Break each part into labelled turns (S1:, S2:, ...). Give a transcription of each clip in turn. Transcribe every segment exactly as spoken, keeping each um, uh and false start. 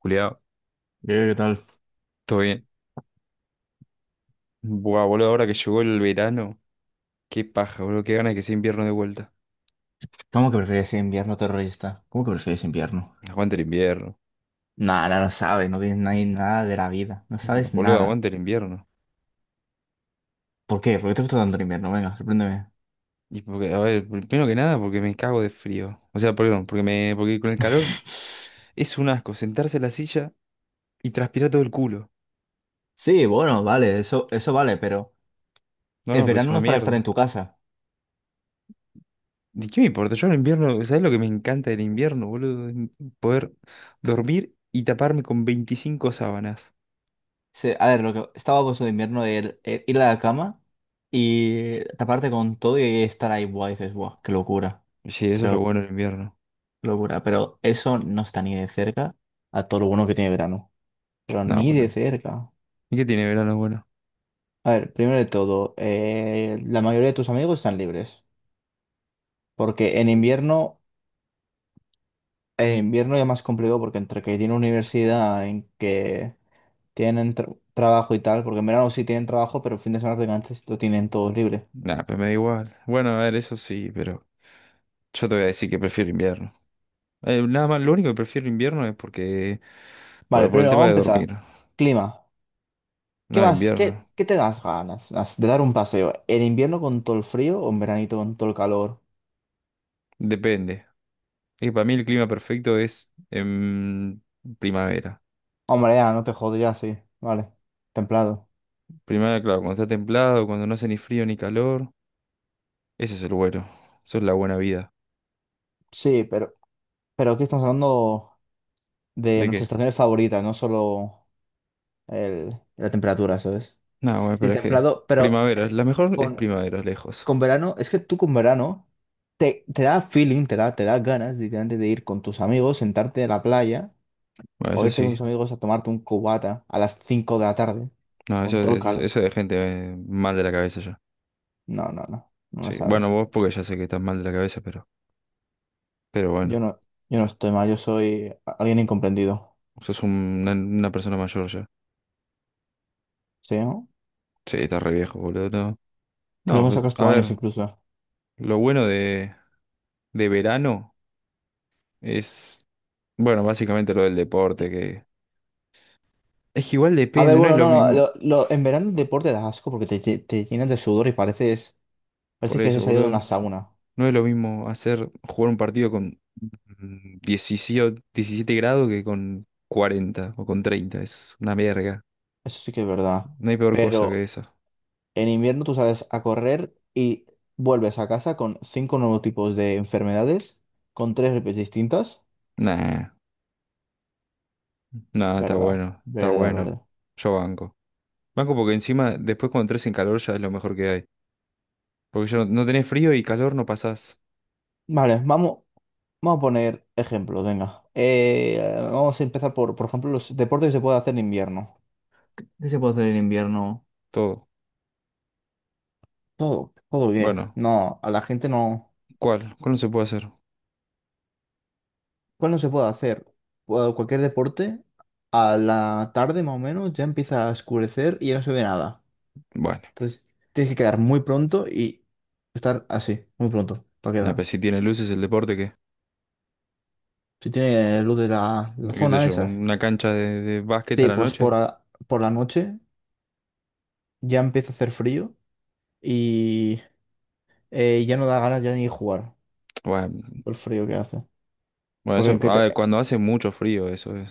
S1: Culiao,
S2: Diego, ¿qué tal?
S1: todo bien. Buah, boludo, ahora que llegó el verano, qué paja, boludo, qué ganas que sea invierno de vuelta.
S2: ¿Cómo que prefieres invierno terrorista? ¿Cómo que prefieres invierno?
S1: Aguante el invierno.
S2: Nada, no sabes, no tienes ni- nada de la vida, no sabes
S1: Boludo,
S2: nada.
S1: aguante el invierno.
S2: ¿Por qué? ¿Por qué te gusta tanto el invierno? Venga, sorpréndeme.
S1: Y porque, a ver, primero que nada, porque me cago de frío. O sea, perdón, porque me, porque con el calor es un asco sentarse en la silla y transpirar todo el culo.
S2: Sí, bueno, vale, eso, eso vale, pero
S1: No,
S2: el
S1: no, pero es
S2: verano no
S1: una
S2: es para estar en
S1: mierda.
S2: tu casa.
S1: ¿De qué me importa? Yo en el invierno, ¿sabes lo que me encanta del invierno, boludo? En Poder dormir y taparme con veinticinco sábanas.
S2: Se- a ver, lo que estaba puesto de invierno es ir a la cama y taparte con todo y estar ahí, buah, dices, buah, qué locura,
S1: Sí, eso
S2: qué
S1: es lo
S2: lo-
S1: bueno del invierno.
S2: qué locura. Pero eso no está ni de cerca a todo lo bueno que tiene verano, pero
S1: No,
S2: ni de
S1: boludo.
S2: cerca.
S1: ¿Y qué tiene verano bueno?
S2: A ver, primero de todo, eh, la mayoría de tus amigos están libres, porque en invierno, en invierno ya más complicado porque entre que tienen universidad, en que tienen tra- trabajo y tal, porque en verano sí tienen trabajo, pero el fin de semana prácticamente lo tienen todos libre.
S1: Nah, pues me da igual. Bueno, a ver, eso sí, pero yo te voy a decir que prefiero invierno. Eh, nada más, lo único que prefiero invierno es porque,
S2: Vale,
S1: por, por el
S2: primero
S1: tema
S2: vamos a
S1: de
S2: empezar.
S1: dormir.
S2: Clima. ¿Qué
S1: No,
S2: más? ¿Qué,
S1: invierno.
S2: qué te das ganas las- de dar un paseo? ¿En invierno con todo el frío o en veranito con todo el calor?
S1: Depende. Es que para mí el clima perfecto es en primavera.
S2: Hombre, ya, no te jodas, ya sí. Vale, templado.
S1: Primavera, claro, cuando está templado, cuando no hace ni frío ni calor. Ese es el bueno. Eso es la buena vida.
S2: Sí, pero, pero aquí estamos hablando de
S1: ¿De
S2: nuestras
S1: qué?
S2: estaciones favoritas, no solo el- la temperatura, ¿sabes?
S1: No, bueno,
S2: Sí,
S1: pero es que
S2: templado, pero
S1: primavera, la mejor es
S2: con,
S1: primavera, lejos.
S2: con verano, es que tú con verano te, te da feeling, te da, te da ganas literalmente de ir con tus amigos, sentarte en la playa
S1: Bueno,
S2: o
S1: eso
S2: irte con
S1: sí.
S2: tus amigos a tomarte un cubata a las cinco de la tarde
S1: No, eso,
S2: con todo el
S1: es-
S2: calor.
S1: eso es de gente eh, mal de la cabeza ya.
S2: No, no, no, no lo
S1: Sí, bueno,
S2: sabes.
S1: vos porque ya sé que estás mal de la cabeza, pero... Pero
S2: Yo
S1: bueno,
S2: no, yo no estoy mal, yo soy alguien incomprendido,
S1: sos un- una, una persona mayor ya.
S2: ¿sí? no?
S1: Sí, está re viejo, boludo. No,
S2: Creo
S1: no,
S2: que me
S1: pues,
S2: sacas
S1: a
S2: tu años
S1: ver,
S2: incluso.
S1: lo bueno de, de verano es, bueno, básicamente lo del deporte, que es que igual
S2: A ver,
S1: depende, no es
S2: bueno,
S1: lo
S2: no, no,
S1: mismo.
S2: lo- lo- en verano el deporte da asco porque te, te, te llenas de sudor y pareces,
S1: Por
S2: pareces que has
S1: eso,
S2: salido de una
S1: boludo,
S2: sauna.
S1: no es lo mismo hacer, jugar un partido con mm, diecisiete, diecisiete grados que con cuarenta o con treinta. Es una verga.
S2: Eso sí que es verdad.
S1: No hay peor cosa que
S2: Pero
S1: esa.
S2: en invierno tú sales a correr y vuelves a casa con cinco nuevos tipos de enfermedades, con tres gripes distintas.
S1: Nah, nah, está
S2: Verdad,
S1: bueno, está
S2: verdad,
S1: bueno.
S2: verdad.
S1: Yo banco. Banco porque encima, después cuando entres en calor ya es lo mejor que hay. Porque yo no, no tenés frío y calor no pasás
S2: Vale, vamos, vamos a poner ejemplos, venga. Eh, vamos a empezar por, por ejemplo, los deportes que se puede hacer en invierno. ¿Qué se puede hacer en invierno?
S1: todo.
S2: Todo, todo bien.
S1: Bueno,
S2: No, a la gente no.
S1: ¿cuál? ¿Cuál no se puede hacer?
S2: ¿Cuál no se puede hacer? Cu- Cualquier deporte, a la tarde más o menos ya empieza a oscurecer y ya no se ve nada.
S1: Bueno,
S2: Entonces, tienes que quedar muy pronto y estar así, muy pronto, para
S1: nah, pero
S2: quedar.
S1: si tiene luces el deporte, ¿qué?
S2: Si tiene luz de la, la
S1: ¿Qué sé
S2: zona
S1: yo?
S2: esa.
S1: ¿Una cancha de, de básquet a
S2: Sí,
S1: la
S2: pues por,
S1: noche?
S2: la- por la noche ya empieza a hacer frío y eh, ya no da ganas ya ni jugar
S1: Bueno,
S2: por el frío que hace.
S1: bueno,
S2: Porque
S1: eso,
S2: en que
S1: a
S2: te-
S1: ver, cuando hace mucho frío, eso es.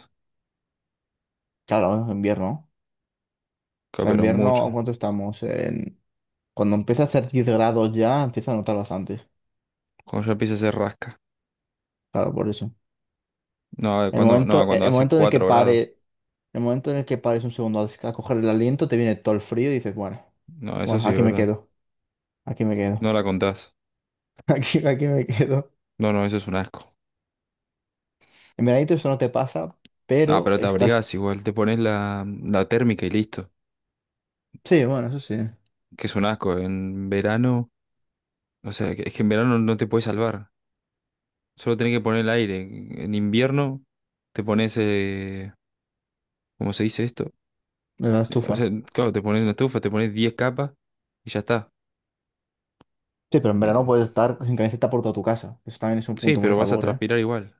S2: Claro, en invierno. O
S1: Ca-
S2: sea, en
S1: Pero
S2: invierno,
S1: mucho.
S2: ¿cuánto estamos? En... Cuando empieza a hacer diez grados ya, empieza a notar bastante.
S1: Cuando ya empieza a hacer rasca.
S2: Claro, por eso.
S1: No, a ver,
S2: El
S1: cuando, no,
S2: momento, e,
S1: cuando
S2: el
S1: hace
S2: momento en el que
S1: cuatro grados.
S2: pare, el momento en el que pares un segundo a, a coger el aliento, te viene todo el frío y dices, bueno,
S1: No, eso
S2: bueno,
S1: sí es
S2: aquí me
S1: verdad.
S2: quedo, aquí me quedo,
S1: No la contás.
S2: aquí, aquí me quedo.
S1: No, no, eso es un asco.
S2: En veranito eso no te pasa,
S1: Ah,
S2: pero
S1: pero te
S2: estás,
S1: abrigás igual, te pones la, la térmica y listo.
S2: sí, bueno, eso sí, en
S1: Que es un asco. En verano, o sea, que- es que en verano no te puedes salvar. Solo tenés que poner el aire. En invierno te pones, eh, ¿cómo se dice esto?
S2: la
S1: O
S2: estufa.
S1: sea, claro, te pones una estufa, te pones diez capas y ya está.
S2: Sí, pero en verano
S1: Eh,
S2: puedes estar sin camiseta por toda tu casa. Eso también es un
S1: Sí,
S2: punto muy a
S1: pero vas a
S2: favor, ¿eh?
S1: transpirar igual.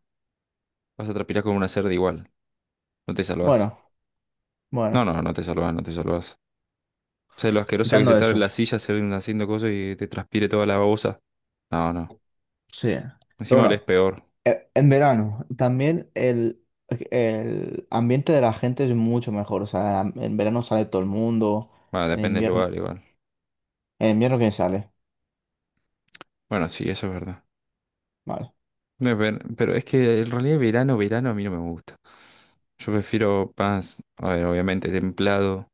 S1: Vas a transpirar como una cerda igual. No te salvás.
S2: Bueno,
S1: No,
S2: bueno,
S1: no, no te salvás, no te salvás. O sea, lo asqueroso que es
S2: quitando
S1: estar en
S2: eso,
S1: la silla hacer- haciendo cosas y te transpire toda la babosa. No, no.
S2: sí. Pero
S1: Encima olés
S2: bueno.
S1: peor.
S2: E- En verano, también el, el ambiente de la gente es mucho mejor. O sea, en verano sale todo el mundo,
S1: Bueno,
S2: en
S1: depende del
S2: invierno.
S1: lugar igual.
S2: En invierno, ¿quién sale?
S1: Bueno, sí, eso es verdad.
S2: Vale.
S1: No es Pero es que en realidad verano, verano a mí no me gusta. Yo prefiero más, a ver, obviamente templado.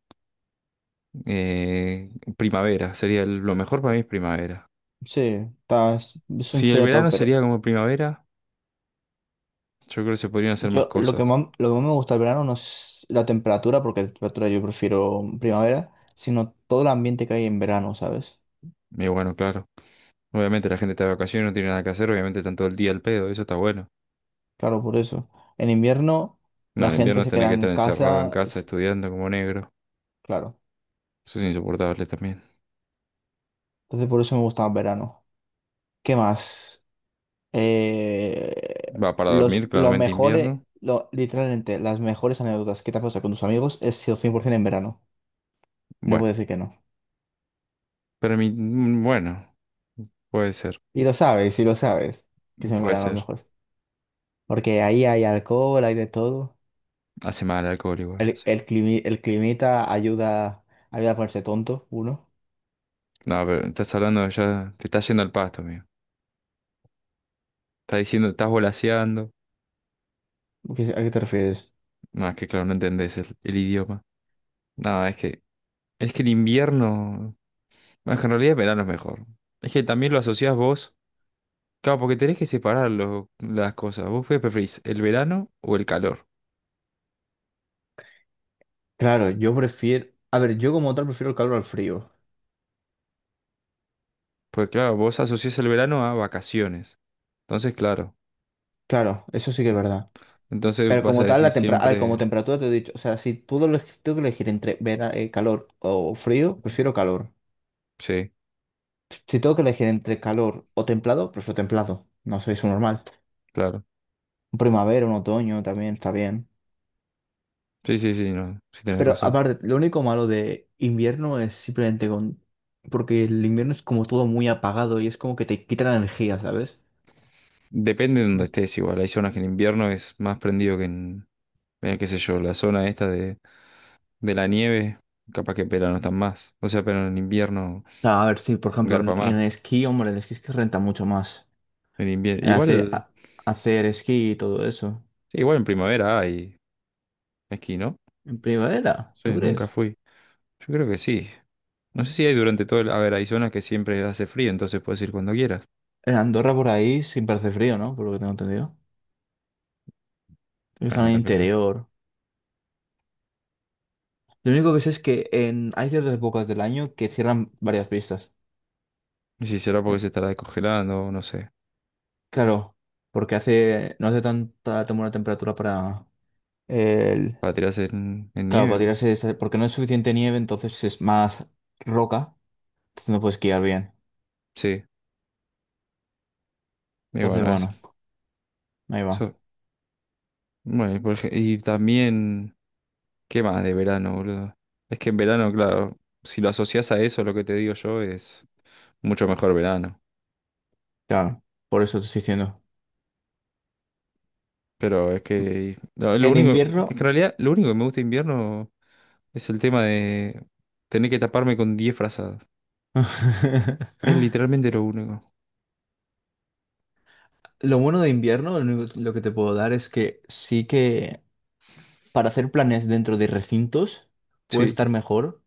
S1: eh, primavera, sería el- lo mejor para mí es primavera.
S2: Sí, está, es, es un
S1: Si el
S2: sería todo,
S1: verano
S2: pero
S1: sería como primavera, yo creo que se podrían hacer más
S2: yo lo que
S1: cosas.
S2: más, lo que más me gusta del verano no es la temperatura, porque la temperatura yo prefiero primavera, sino todo el ambiente que hay en verano, ¿sabes?
S1: Y bueno, claro. Obviamente la gente está de vacaciones, no tiene nada que hacer, obviamente están todo el día al pedo, eso está bueno.
S2: Claro, por eso. En invierno,
S1: No,
S2: la
S1: en
S2: gente
S1: invierno
S2: se
S1: tenés
S2: queda
S1: que
S2: en
S1: estar encerrado en
S2: casa,
S1: casa
S2: es-
S1: estudiando como negro.
S2: claro.
S1: Eso es insoportable también.
S2: Entonces, por eso me gusta más verano. ¿Qué más? Eh,
S1: Va para dormir,
S2: los, lo
S1: claramente
S2: mejores,
S1: invierno.
S2: lo, literalmente, las mejores anécdotas que te has pasado con tus amigos es sido cien por ciento en verano. No puedo
S1: Bueno,
S2: decir que no.
S1: pero mi, mm, bueno, puede ser,
S2: Y lo sabes, y lo sabes, que es en
S1: puede
S2: verano los
S1: ser.
S2: mejores. Porque ahí hay alcohol, hay de todo.
S1: Hace mal el alcohol igual.
S2: El,
S1: Sí.
S2: el, climi- el climita ayuda, ayuda a ponerse tonto, uno.
S1: No, pero estás hablando ya, te estás yendo al pasto, amigo. Está diciendo, estás volaseando.
S2: ¿Qué- ¿A qué te refieres?
S1: No, es que claro, no entendés el, el idioma. No, es que, es que, el invierno. No, es que en realidad el verano es mejor. Es que también lo asociás vos. Claro, porque tenés que separar lo- las cosas. ¿Vos qué preferís, el verano o el calor?
S2: Claro, yo prefiero... A ver, yo como tal prefiero el calor al frío.
S1: Porque claro, vos asociás el verano a vacaciones. Entonces, claro.
S2: Claro, eso sí que es verdad.
S1: Entonces
S2: Pero
S1: vas a
S2: como tal,
S1: decir
S2: la tempera- a ver, como
S1: siempre.
S2: temperatura te he dicho, o sea, si puedo eleg- tengo que elegir entre vera- eh, calor o frío, prefiero calor.
S1: Sí,
S2: Si tengo que elegir entre calor o templado, prefiero templado. No soy su normal.
S1: claro.
S2: Un primavera, un otoño también está bien.
S1: Sí, sí, sí, no. Sí tenés
S2: Pero
S1: razón.
S2: aparte, lo único malo de invierno es simplemente con... Porque el invierno es como todo muy apagado y es como que te quita la energía, ¿sabes?
S1: Depende de donde
S2: No-
S1: estés igual. Hay zonas que en invierno es más prendido que en, en qué sé yo, la zona esta de. de la nieve, capaz que en verano están más. O sea, pero en invierno
S2: Ah, a ver, sí, por ejemplo,
S1: garpa
S2: en en
S1: más.
S2: el esquí, hombre, el esquí es que renta mucho más.
S1: En invierno.
S2: Eh, Hace,
S1: Igual,
S2: a- Hacer esquí y todo eso.
S1: sí, igual en primavera hay esquí, ¿no?
S2: En primavera, ¿tú
S1: Sí, nunca
S2: crees?
S1: fui. Yo creo que sí. No sé si hay durante todo el. A ver, hay zonas que siempre hace frío, entonces puedes ir cuando quieras.
S2: En Andorra por ahí siempre hace frío, ¿no? Por lo que tengo entendido. Creo que
S1: Bueno,
S2: están
S1: no
S2: en el
S1: te creo.
S2: interior. Lo único que sé es que en... hay ciertas épocas del año que cierran varias pistas.
S1: Y si será
S2: Eh,
S1: porque se estará descongelando, no sé.
S2: claro, porque hace... no hace tanta tan buena temperatura para el...
S1: Para tirarse en, en
S2: Claro,
S1: nieve.
S2: para
S1: o-
S2: tirarse... esa- porque no es suficiente nieve, entonces es más roca. Entonces no puedes esquiar bien.
S1: Sí. Y
S2: Entonces,
S1: bueno,
S2: bueno,
S1: eso.
S2: ahí va.
S1: Eso. Bueno, y, por ej- y también. ¿Qué más de verano, boludo? Es que en verano, claro, si lo asocias a eso, lo que te digo yo es mucho mejor verano.
S2: Claro, por eso te estoy diciendo.
S1: Pero es que no, lo
S2: En
S1: único, es que en
S2: invierno...
S1: realidad lo único que me gusta de invierno es el tema de tener que taparme con diez frazadas. Es literalmente lo único.
S2: Lo bueno de invierno, lo único- lo que te puedo dar es que sí que para hacer planes dentro de recintos puede
S1: Sí,
S2: estar mejor,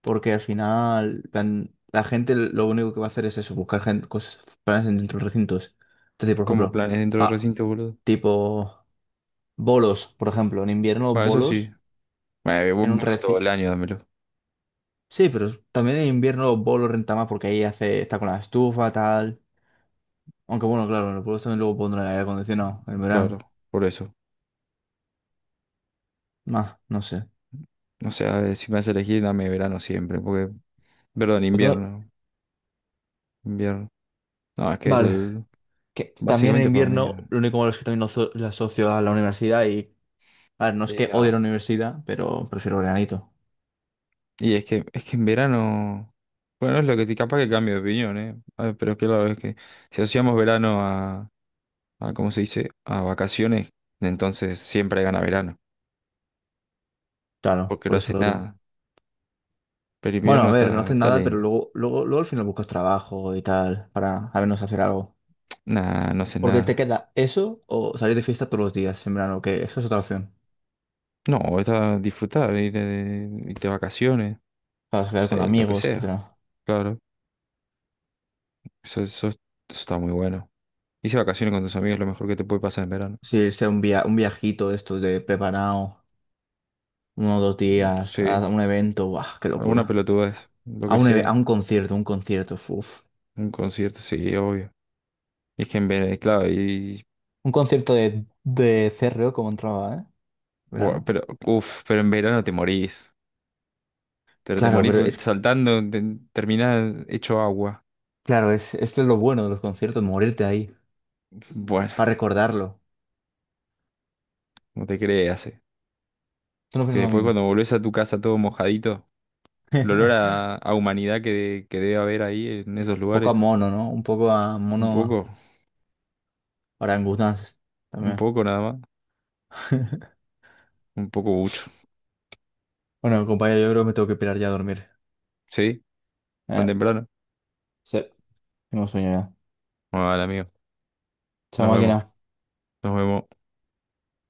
S2: porque al final plan, la gente lo único que va a hacer es eso, buscar gen- cos- planes dentro de recintos. Entonces, por
S1: como
S2: ejemplo,
S1: planes dentro del
S2: pa-
S1: recinto, boludo.
S2: tipo bolos, por ejemplo, en invierno
S1: Bueno, eso sí.
S2: bolos
S1: Bueno, eh, vos-
S2: en un
S1: vos todo
S2: recinto.
S1: el año dámelo.
S2: Sí, pero también en invierno bolos renta más porque ahí hace, está con la estufa, tal. Aunque bueno, claro, en los bolos también luego pondrán el aire acondicionado en
S1: Claro,
S2: verano.
S1: por eso.
S2: Más, no sé.
S1: O sea, si me hace elegir, dame verano siempre, porque, perdón,
S2: Otro-
S1: invierno, invierno. No, es que
S2: Vale.
S1: el,
S2: Que también en
S1: básicamente por mí.
S2: invierno, lo único malo es que también lo, aso- lo asocio a la universidad y, a ver, no es
S1: Y
S2: que
S1: no.
S2: odie la universidad, pero prefiero veranito.
S1: Y es que, es que, en verano, bueno, es lo que te capaz que cambio de opinión, ¿eh? A ver, pero claro, es que si asociamos verano a, a, ¿cómo se dice? A vacaciones, entonces siempre gana verano,
S2: Claro,
S1: porque no
S2: por eso
S1: haces
S2: lo odio.
S1: nada. Pero
S2: Bueno,
S1: invierno
S2: a ver, no
S1: está,
S2: haces
S1: está
S2: nada, pero
S1: lindo.
S2: luego, luego, luego al final buscas trabajo y tal, para al menos hacer algo.
S1: Nah, no haces
S2: Porque te
S1: nada.
S2: queda eso o salir de fiesta todos los días en verano, que eso es otra opción.
S1: No, está disfrutar, ir de, irte de vacaciones,
S2: Para
S1: no
S2: quedar con
S1: sé, lo que
S2: amigos,
S1: sea.
S2: etcétera.
S1: Claro, eso, eso, eso está muy bueno. Irse de vacaciones con tus amigos es lo mejor que te puede pasar en verano.
S2: Si sea un via un viajito de estos de preparado, uno o dos días, a
S1: Sí,
S2: un evento, ¡buah, qué
S1: alguna
S2: locura!
S1: pelotudez, lo
S2: A
S1: que
S2: un, eve- a
S1: sea.
S2: un concierto, un concierto, uff.
S1: Un concierto, sí, obvio. Es que en verano, claro, y,
S2: Un concierto de, de CRO como entraba, ¿eh?
S1: buah,
S2: Verano.
S1: pero, uff, pero en verano te morís. Pero te
S2: Claro,
S1: morís
S2: pero es,
S1: saltando, te, terminás hecho agua.
S2: claro, es, esto es lo bueno de los conciertos, morirte ahí,
S1: Bueno,
S2: para recordarlo.
S1: no te creas, eh.
S2: Tú no
S1: Que
S2: opinas lo
S1: después
S2: mismo.
S1: cuando volvés a tu casa todo mojadito,
S2: Un
S1: el olor a, a humanidad que, que debe haber ahí en esos
S2: poco a
S1: lugares.
S2: mono, ¿no? Un poco a
S1: Un
S2: mono
S1: poco,
S2: orangutanes
S1: un
S2: también.
S1: poco nada más, un poco mucho.
S2: Bueno, compañero, yo creo que me tengo que pirar ya a dormir.
S1: ¿Sí? ¿Tan
S2: Eh,
S1: temprano?
S2: sí, tengo sueño ya.
S1: Bueno, vale, amigo.
S2: Chao,
S1: Nos vemos,
S2: máquina.
S1: nos vemos.